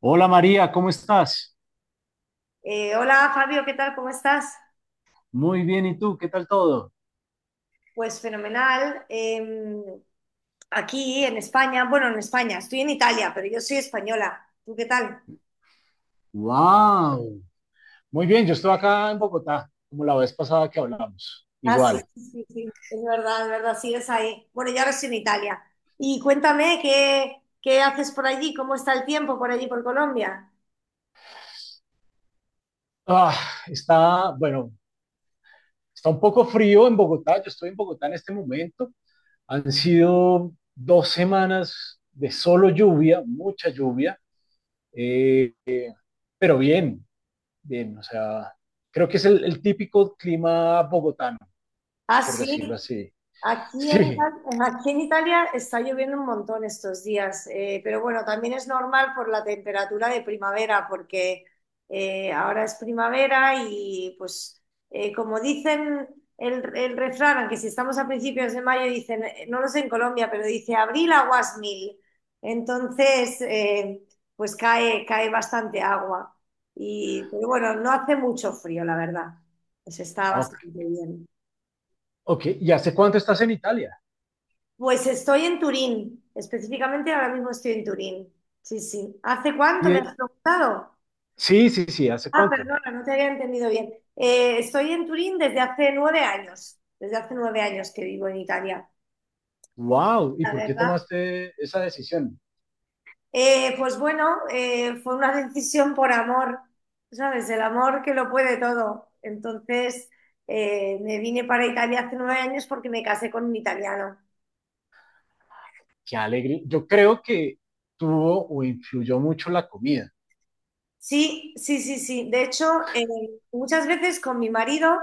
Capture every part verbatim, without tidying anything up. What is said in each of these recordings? Hola María, ¿cómo estás? Eh, hola Fabio, ¿qué tal? ¿Cómo estás? Muy bien, ¿y tú? ¿Qué tal todo? Pues fenomenal. Eh, aquí en España, bueno, en España, estoy en Italia, pero yo soy española. ¿Tú qué tal? Wow, muy bien, yo estoy acá en Bogotá, como la vez pasada que hablamos, Ah, sí, igual. sí, sí, sí, es verdad, es verdad, sigues ahí. Bueno, yo ahora estoy en Italia. Y cuéntame, ¿qué, qué haces por allí? ¿Cómo está el tiempo por allí, por Colombia? Ah, está, bueno, está un poco frío en Bogotá, yo estoy en Bogotá en este momento. Han sido dos semanas de solo lluvia, mucha lluvia, eh, pero bien, bien, o sea, creo que es el, el típico clima bogotano, Ah, por decirlo sí. así. Aquí en, Sí, Ita- aquí en Italia está lloviendo un montón estos días, eh, pero bueno, también es normal por la temperatura de primavera, porque eh, ahora es primavera y pues eh, como dicen el, el refrán, aunque si estamos a principios de mayo, dicen, eh, no lo sé en Colombia, pero dice abril aguas mil. Entonces, eh, pues cae, cae bastante agua. Y, pero bueno, no hace mucho frío, la verdad. Pues está ok, bastante bien. ok. ¿Y hace cuánto estás en Italia? Pues estoy en Turín, específicamente ahora mismo estoy en Turín. Sí, sí. ¿Hace cuánto me has preguntado? Sí, sí, sí, ¿hace Ah, cuánto? perdona, no te había entendido bien. Eh, estoy en Turín desde hace nueve años, desde hace nueve años que vivo en Italia, Wow, ¿y la por qué verdad. tomaste esa decisión? Eh, pues bueno, eh, fue una decisión por amor, ¿sabes? El amor que lo puede todo. Entonces, eh, me vine para Italia hace nueve años porque me casé con un italiano. Qué alegre. Yo creo que tuvo o influyó mucho la comida. Sí, sí, sí, sí. De hecho, eh, muchas veces con mi marido,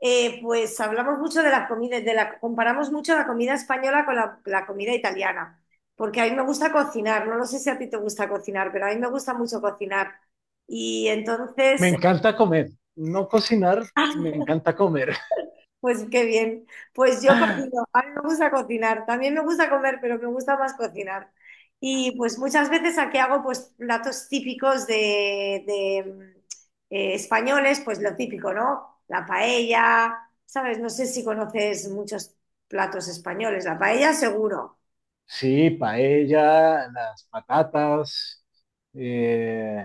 eh, pues hablamos mucho de las comidas, de la, comparamos mucho la comida española con la, la comida italiana, porque a mí me gusta cocinar, no lo sé si a ti te gusta cocinar, pero a mí me gusta mucho cocinar. Y Me entonces, encanta comer, no cocinar, me encanta comer. pues qué bien. Pues yo cocino. A mí me gusta cocinar. También me gusta comer, pero me gusta más cocinar. Y pues muchas veces aquí hago pues platos típicos de, de, mm, eh, españoles, pues lo típico, ¿no? La paella, ¿sabes? No sé si conoces muchos platos españoles. La paella seguro. Sí, paella, las patatas, eh,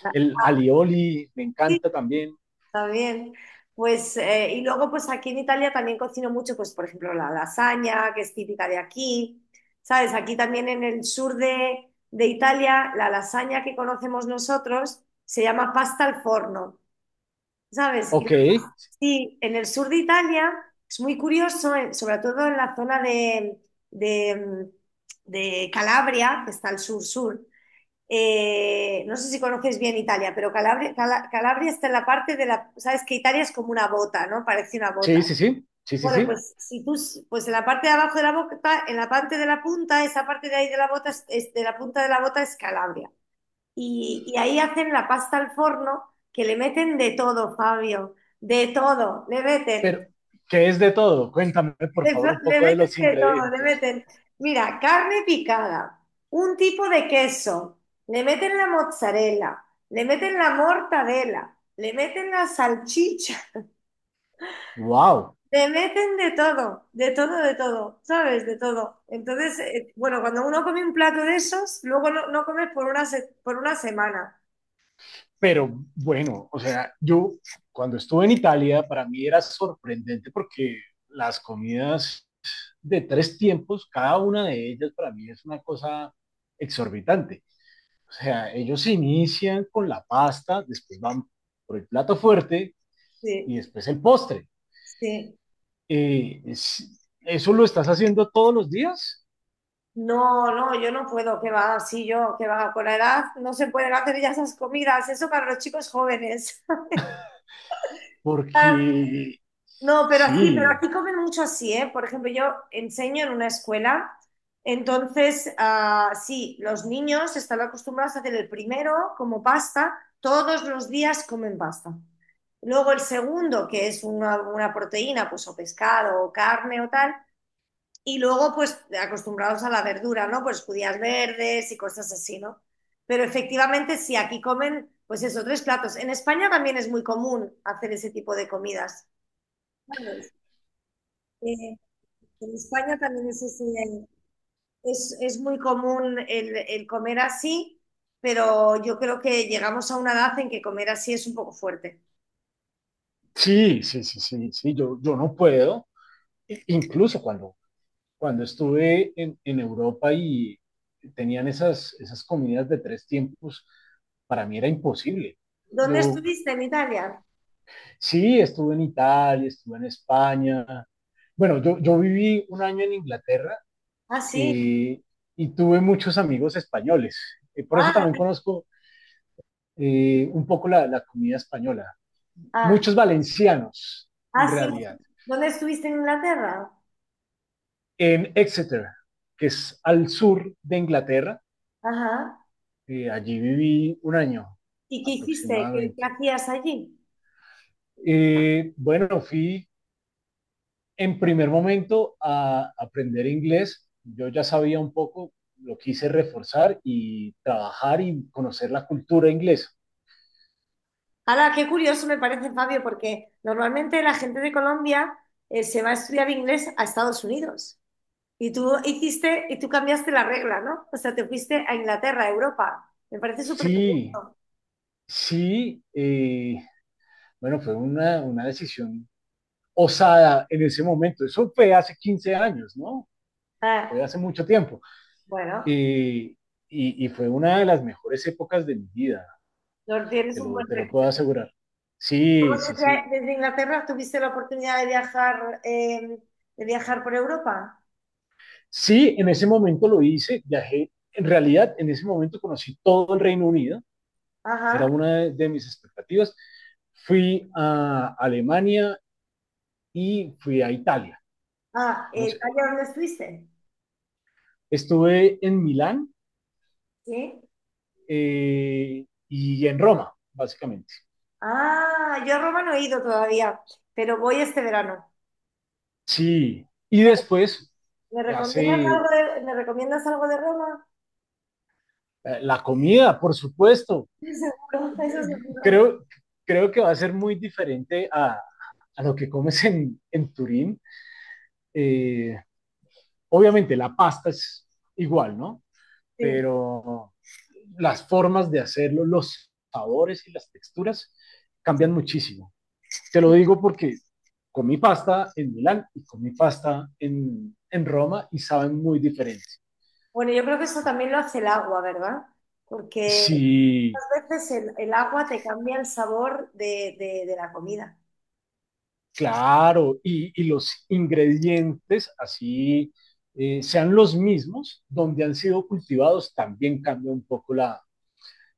La- el alioli me Sí, encanta también. está bien. Pues, eh, y luego, pues aquí en Italia también cocino mucho, pues, por ejemplo, la lasaña, que es típica de aquí. ¿Sabes? Aquí también en el sur de, de Italia, la lasaña que conocemos nosotros se llama pasta al forno, ¿sabes? Y la- Ok, sí, en el sur de Italia es muy curioso, eh, sobre todo en la zona de, de, mm, de Calabria, que está al sur-sur, eh, no sé si conoces bien Italia, pero Calabria, Cala- Calabria está en la parte de la, sabes que Italia es como una bota, ¿no? Parece una sí, bota. sí, sí, sí, sí, Bueno, sí. pues si tú, s- pues en la parte de abajo de la bota, en la parte de la punta, esa parte de ahí de la bota, es, es- de la punta de la bota es Calabria. Y, y ahí hacen la pasta al forno que le meten de todo, Fabio, de todo, le meten Pero, ¿qué es de todo? Cuéntame, por le, favor, fa- un le poco de meten los de todo, le ingredientes. meten, mira, carne picada, un tipo de queso, le meten la mozzarella, le meten la mortadela, le meten la salchicha, Wow. le meten de todo, de todo, de todo, ¿sabes? De todo. Entonces, eh, bueno, cuando uno come un plato de esos, luego no, no comes por una, se- por una semana. Pero bueno, o sea, yo cuando estuve en Italia, para mí era sorprendente porque las comidas de tres tiempos, cada una de ellas para mí es una cosa exorbitante. O sea, ellos inician con la pasta, después van por el plato fuerte Sí, y después el postre. sí. Eh, es- ¿eso lo estás haciendo todos los días? No, no, yo no puedo, que va, sí, yo, que va, con la edad no se pueden hacer ya esas comidas, eso para los chicos jóvenes. Porque No, pero aquí, pero sí, aquí comen mucho así, ¿eh? Por ejemplo, yo enseño en una escuela, entonces, ah, sí, los niños están acostumbrados a hacer el primero como pasta, todos los días comen pasta. Luego el segundo, que es una, una proteína, pues o pescado o carne o tal, y luego pues acostumbrados a la verdura, ¿no? Pues judías verdes y cosas así, ¿no? Pero efectivamente sí, aquí comen, pues eso, tres platos. En España también es muy común hacer ese tipo de comidas. ¿Sabes? Eh, En España también es, ese- es, es muy común el, el comer así, pero yo creo que llegamos a una edad en que comer así es un poco fuerte. sí, sí, sí, sí, sí, yo, yo no puedo. I- Incluso cuando, cuando estuve en, en Europa y tenían esas, esas comidas de tres tiempos, para mí era imposible. ¿Dónde Yo estuviste en Italia? sí estuve en Italia, estuve en España. Bueno, yo, yo viví un año en Inglaterra, Ah, sí. eh, y tuve muchos amigos españoles. Eh, por eso Ah, también conozco eh, un poco la, la comida española. ah, Muchos valencianos, en ah, sí. realidad. ¿Dónde estuviste en Inglaterra? En Exeter, que es al sur de Inglaterra, Ajá. eh, allí viví un año ¿Y qué hiciste? ¿Qué, qué aproximadamente. hacías allí? Eh, bueno, fui en primer momento a aprender inglés. Yo ya sabía un poco, lo quise reforzar y trabajar y conocer la cultura inglesa. Hala, qué curioso me parece, Fabio, porque normalmente la gente de Colombia eh, se va a estudiar inglés a Estados Unidos. Y tú hiciste, y tú cambiaste la regla, ¿no? O sea, te fuiste a Inglaterra, a Europa. Me parece súper Sí, curioso. sí, eh, bueno, fue una, una decisión osada en ese momento. Eso fue hace quince años, ¿no? Ah, Fue hace mucho tiempo. bueno, Y, y, y fue una de las mejores épocas de mi vida, no tienes te un lo, buen te lo puedo recuerdo. asegurar. Sí, sí, Desde, sí. desde Inglaterra tuviste la oportunidad de viajar, eh, de viajar por Europa. Sí, en ese momento lo hice, viajé. En realidad, en ese momento conocí todo el Reino Unido, era Ajá. una de, de mis expectativas. Fui a Alemania y fui a Italia. Ah, eh, Vamos, ¿allá dónde estuviste? estuve en Milán, Sí. eh, y en Roma, básicamente. Ah, yo a Roma no he ido todavía, pero voy este verano. Sí, y ¿Me, después me hace recomiendas eh, algo de, me recomiendas algo de Roma? la comida, por supuesto. Sí, seguro, eso Eh, seguro. Creo, creo que va a ser muy diferente a, a lo que comes en, en Turín. Eh, obviamente la pasta es igual, ¿no? Sí, Pero las formas de hacerlo, los sabores y las texturas sí. cambian muchísimo. Te lo digo porque comí pasta en Milán y comí pasta en, en Roma y saben muy diferente. Bueno, yo creo que eso también lo hace el agua, ¿verdad? Porque Sí. muchas veces el, el agua te cambia el sabor de, de- de la comida. Claro, y, y los ingredientes, así eh, sean los mismos, donde han sido cultivados, también cambia un poco la,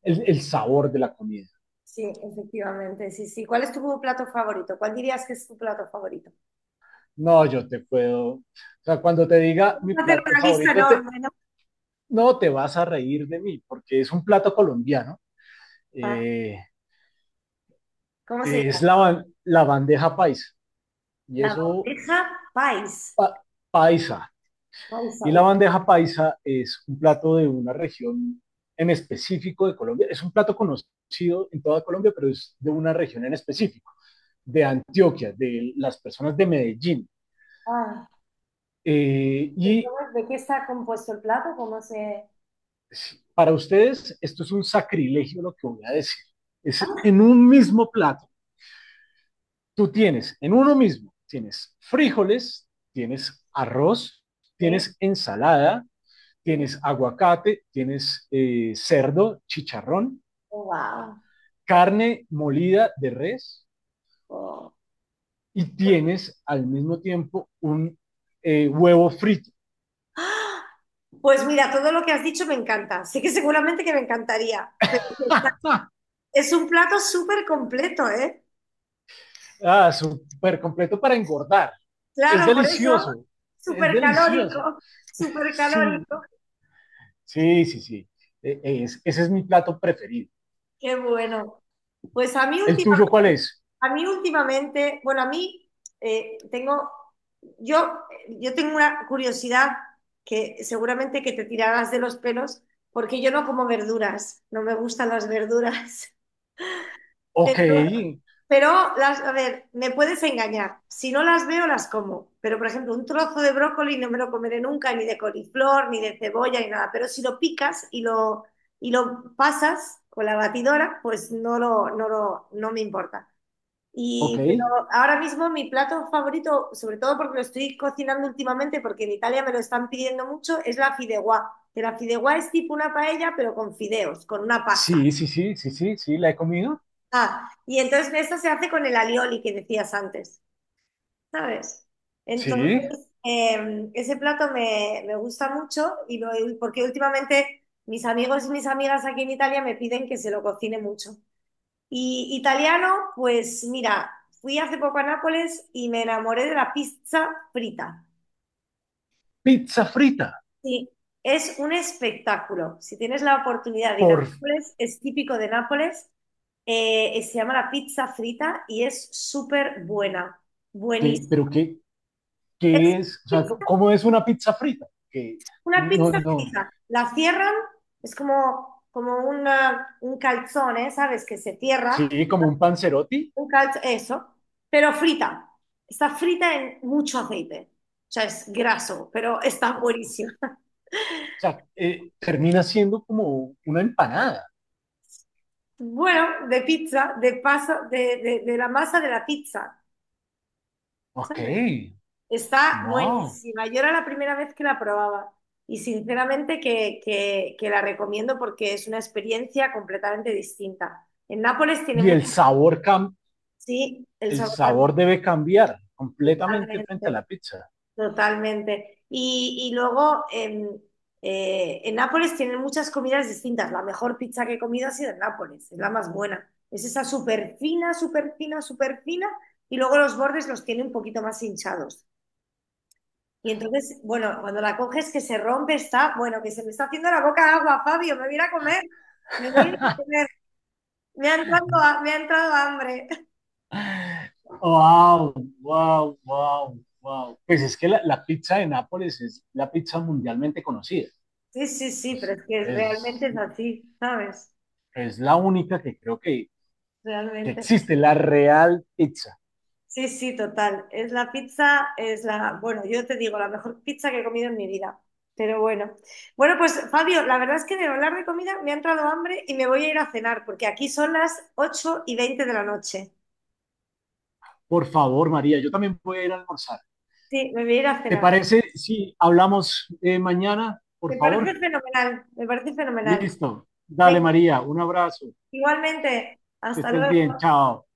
el, el sabor de la comida. Sí, efectivamente, sí, sí. ¿Cuál es tu plato favorito? ¿Cuál dirías que es tu plato favorito? No, yo te puedo, o sea, cuando te diga mi Puedes hacer plato una lista favorito, te, enorme, ¿no? no te vas a reír de mí, porque es un plato colombiano, Ah, eh, ¿cómo se es la, llama? ban- la bandeja paisa, y La eso, bandeja país. pa, paisa. Paisa. Y la ¿Y qué- bandeja paisa es un plato de una región en específico de Colombia. Es un plato conocido en toda Colombia, pero es de una región en específico, de Antioquia, de las personas de Medellín. ah, Eh, ¿de y cómo de qué está compuesto el plato? ¿Cómo se...? sí, para ustedes esto es un sacrilegio lo que voy a decir. Es en un mismo plato, tú tienes, en uno mismo, tienes frijoles, tienes arroz, ¿Qué? tienes ensalada, ¿Qué? tienes aguacate, tienes eh, cerdo, chicharrón, Oh, wow. carne molida de res Oh. y tienes al mismo tiempo un eh, huevo frito. ¡Ah! Pues mira, todo lo que has dicho me encanta. Sé que seguramente que me encantaría, pero es un plato súper completo, ¿eh? ah, súper completo para engordar. Es Claro, por eso, delicioso, es súper delicioso. calórico, súper Sí, calórico. sí, sí, sí. Eh, es, ese es mi plato preferido. Qué bueno. Pues a mí, ¿El última- tuyo cuál es? a mí últimamente, bueno, a mí eh, tengo, yo, yo tengo una curiosidad que seguramente que te tirarás de los pelos, porque yo no como verduras, no me gustan las verduras. Ok, Pero, las, a ver, me puedes engañar. Si no las veo, las como. Pero, por ejemplo, un trozo de brócoli no me lo comeré nunca, ni de coliflor, ni de cebolla, ni nada. Pero si lo picas y lo, y lo pasas con la batidora, pues no, lo, no, lo, no me importa. ok. Y, pero ahora mismo mi plato favorito, sobre todo porque lo estoy cocinando últimamente, porque en Italia me lo están pidiendo mucho, es la fideuá. Que la fideuá es tipo una paella, pero con fideos, con una pasta. Sí, sí, sí, sí, sí, sí, la he comido. Ah, y entonces esto se hace con el alioli que decías antes. ¿Sabes? Sí. Entonces, eh, ese plato me, me gusta mucho y lo, porque últimamente mis amigos y mis amigas aquí en Italia me piden que se lo cocine mucho. Y italiano, pues mira, fui hace poco a Nápoles y me enamoré de la pizza frita. Pizza frita. Sí, es un espectáculo. Si tienes la oportunidad de ir a ¿Por Nápoles, es típico de Nápoles. eh, eh, se llama la pizza frita y es súper buena, qué? Pero buenísima. qué, Es qué es? O sea, pizza ¿cómo es una pizza frita? Que Una no, pizza no, fija, la cierran, es como, como una, un calzone, ¿sabes? Que se cierra, sí, como un panzerotti. un calzo, eso, pero frita. Está frita en mucho aceite, o sea, es graso, pero está O buenísima. sea, eh, termina siendo como una empanada. Bueno, de pizza, de pasa, de, de, de la masa de la pizza, Ok, ¿sabes? Está wow. buenísima. Yo era la primera vez que la probaba y sinceramente que, que, que la recomiendo porque es una experiencia completamente distinta. En Nápoles tiene Y el mucho. sabor, cam Sí, el el sabor cambia sabor debe cambiar completamente frente a totalmente, la pizza. totalmente. Y, y luego en, eh, en Nápoles tienen muchas comidas distintas. La mejor pizza que he comido ha sido en Nápoles, es la más buena. Es esa súper fina, súper fina, súper fina, y luego los bordes los tiene un poquito más hinchados. Y entonces, bueno, cuando la coges que se rompe, está, bueno, que se me está haciendo la boca agua, Fabio, me voy a ir a comer, me voy a ir a comer, me ha entrado, ha- me ha entrado hambre. wow, wow, wow, wow. Pues es que la, la, pizza de Nápoles es la pizza mundialmente conocida. Sí, sí, sí, pero Es, es que realmente es, es así, ¿sabes? es la única que creo que, que Realmente. existe, la real pizza. Sí, sí, total. Es la pizza, es la, bueno, yo te digo, la mejor pizza que he comido en mi vida. Pero bueno. Bueno, pues Fabio, la verdad es que de hablar de comida me ha entrado hambre y me voy a ir a cenar, porque aquí son las ocho y veinte de la noche. Por favor, María, yo también voy a ir a almorzar. Sí, me voy a ir a ¿Te cenar. parece si hablamos eh, mañana, Me por parece favor? fenomenal, me parece fenomenal. Listo. Dale, Venga, María, un abrazo. igualmente, Que hasta estés bien. luego. Chao.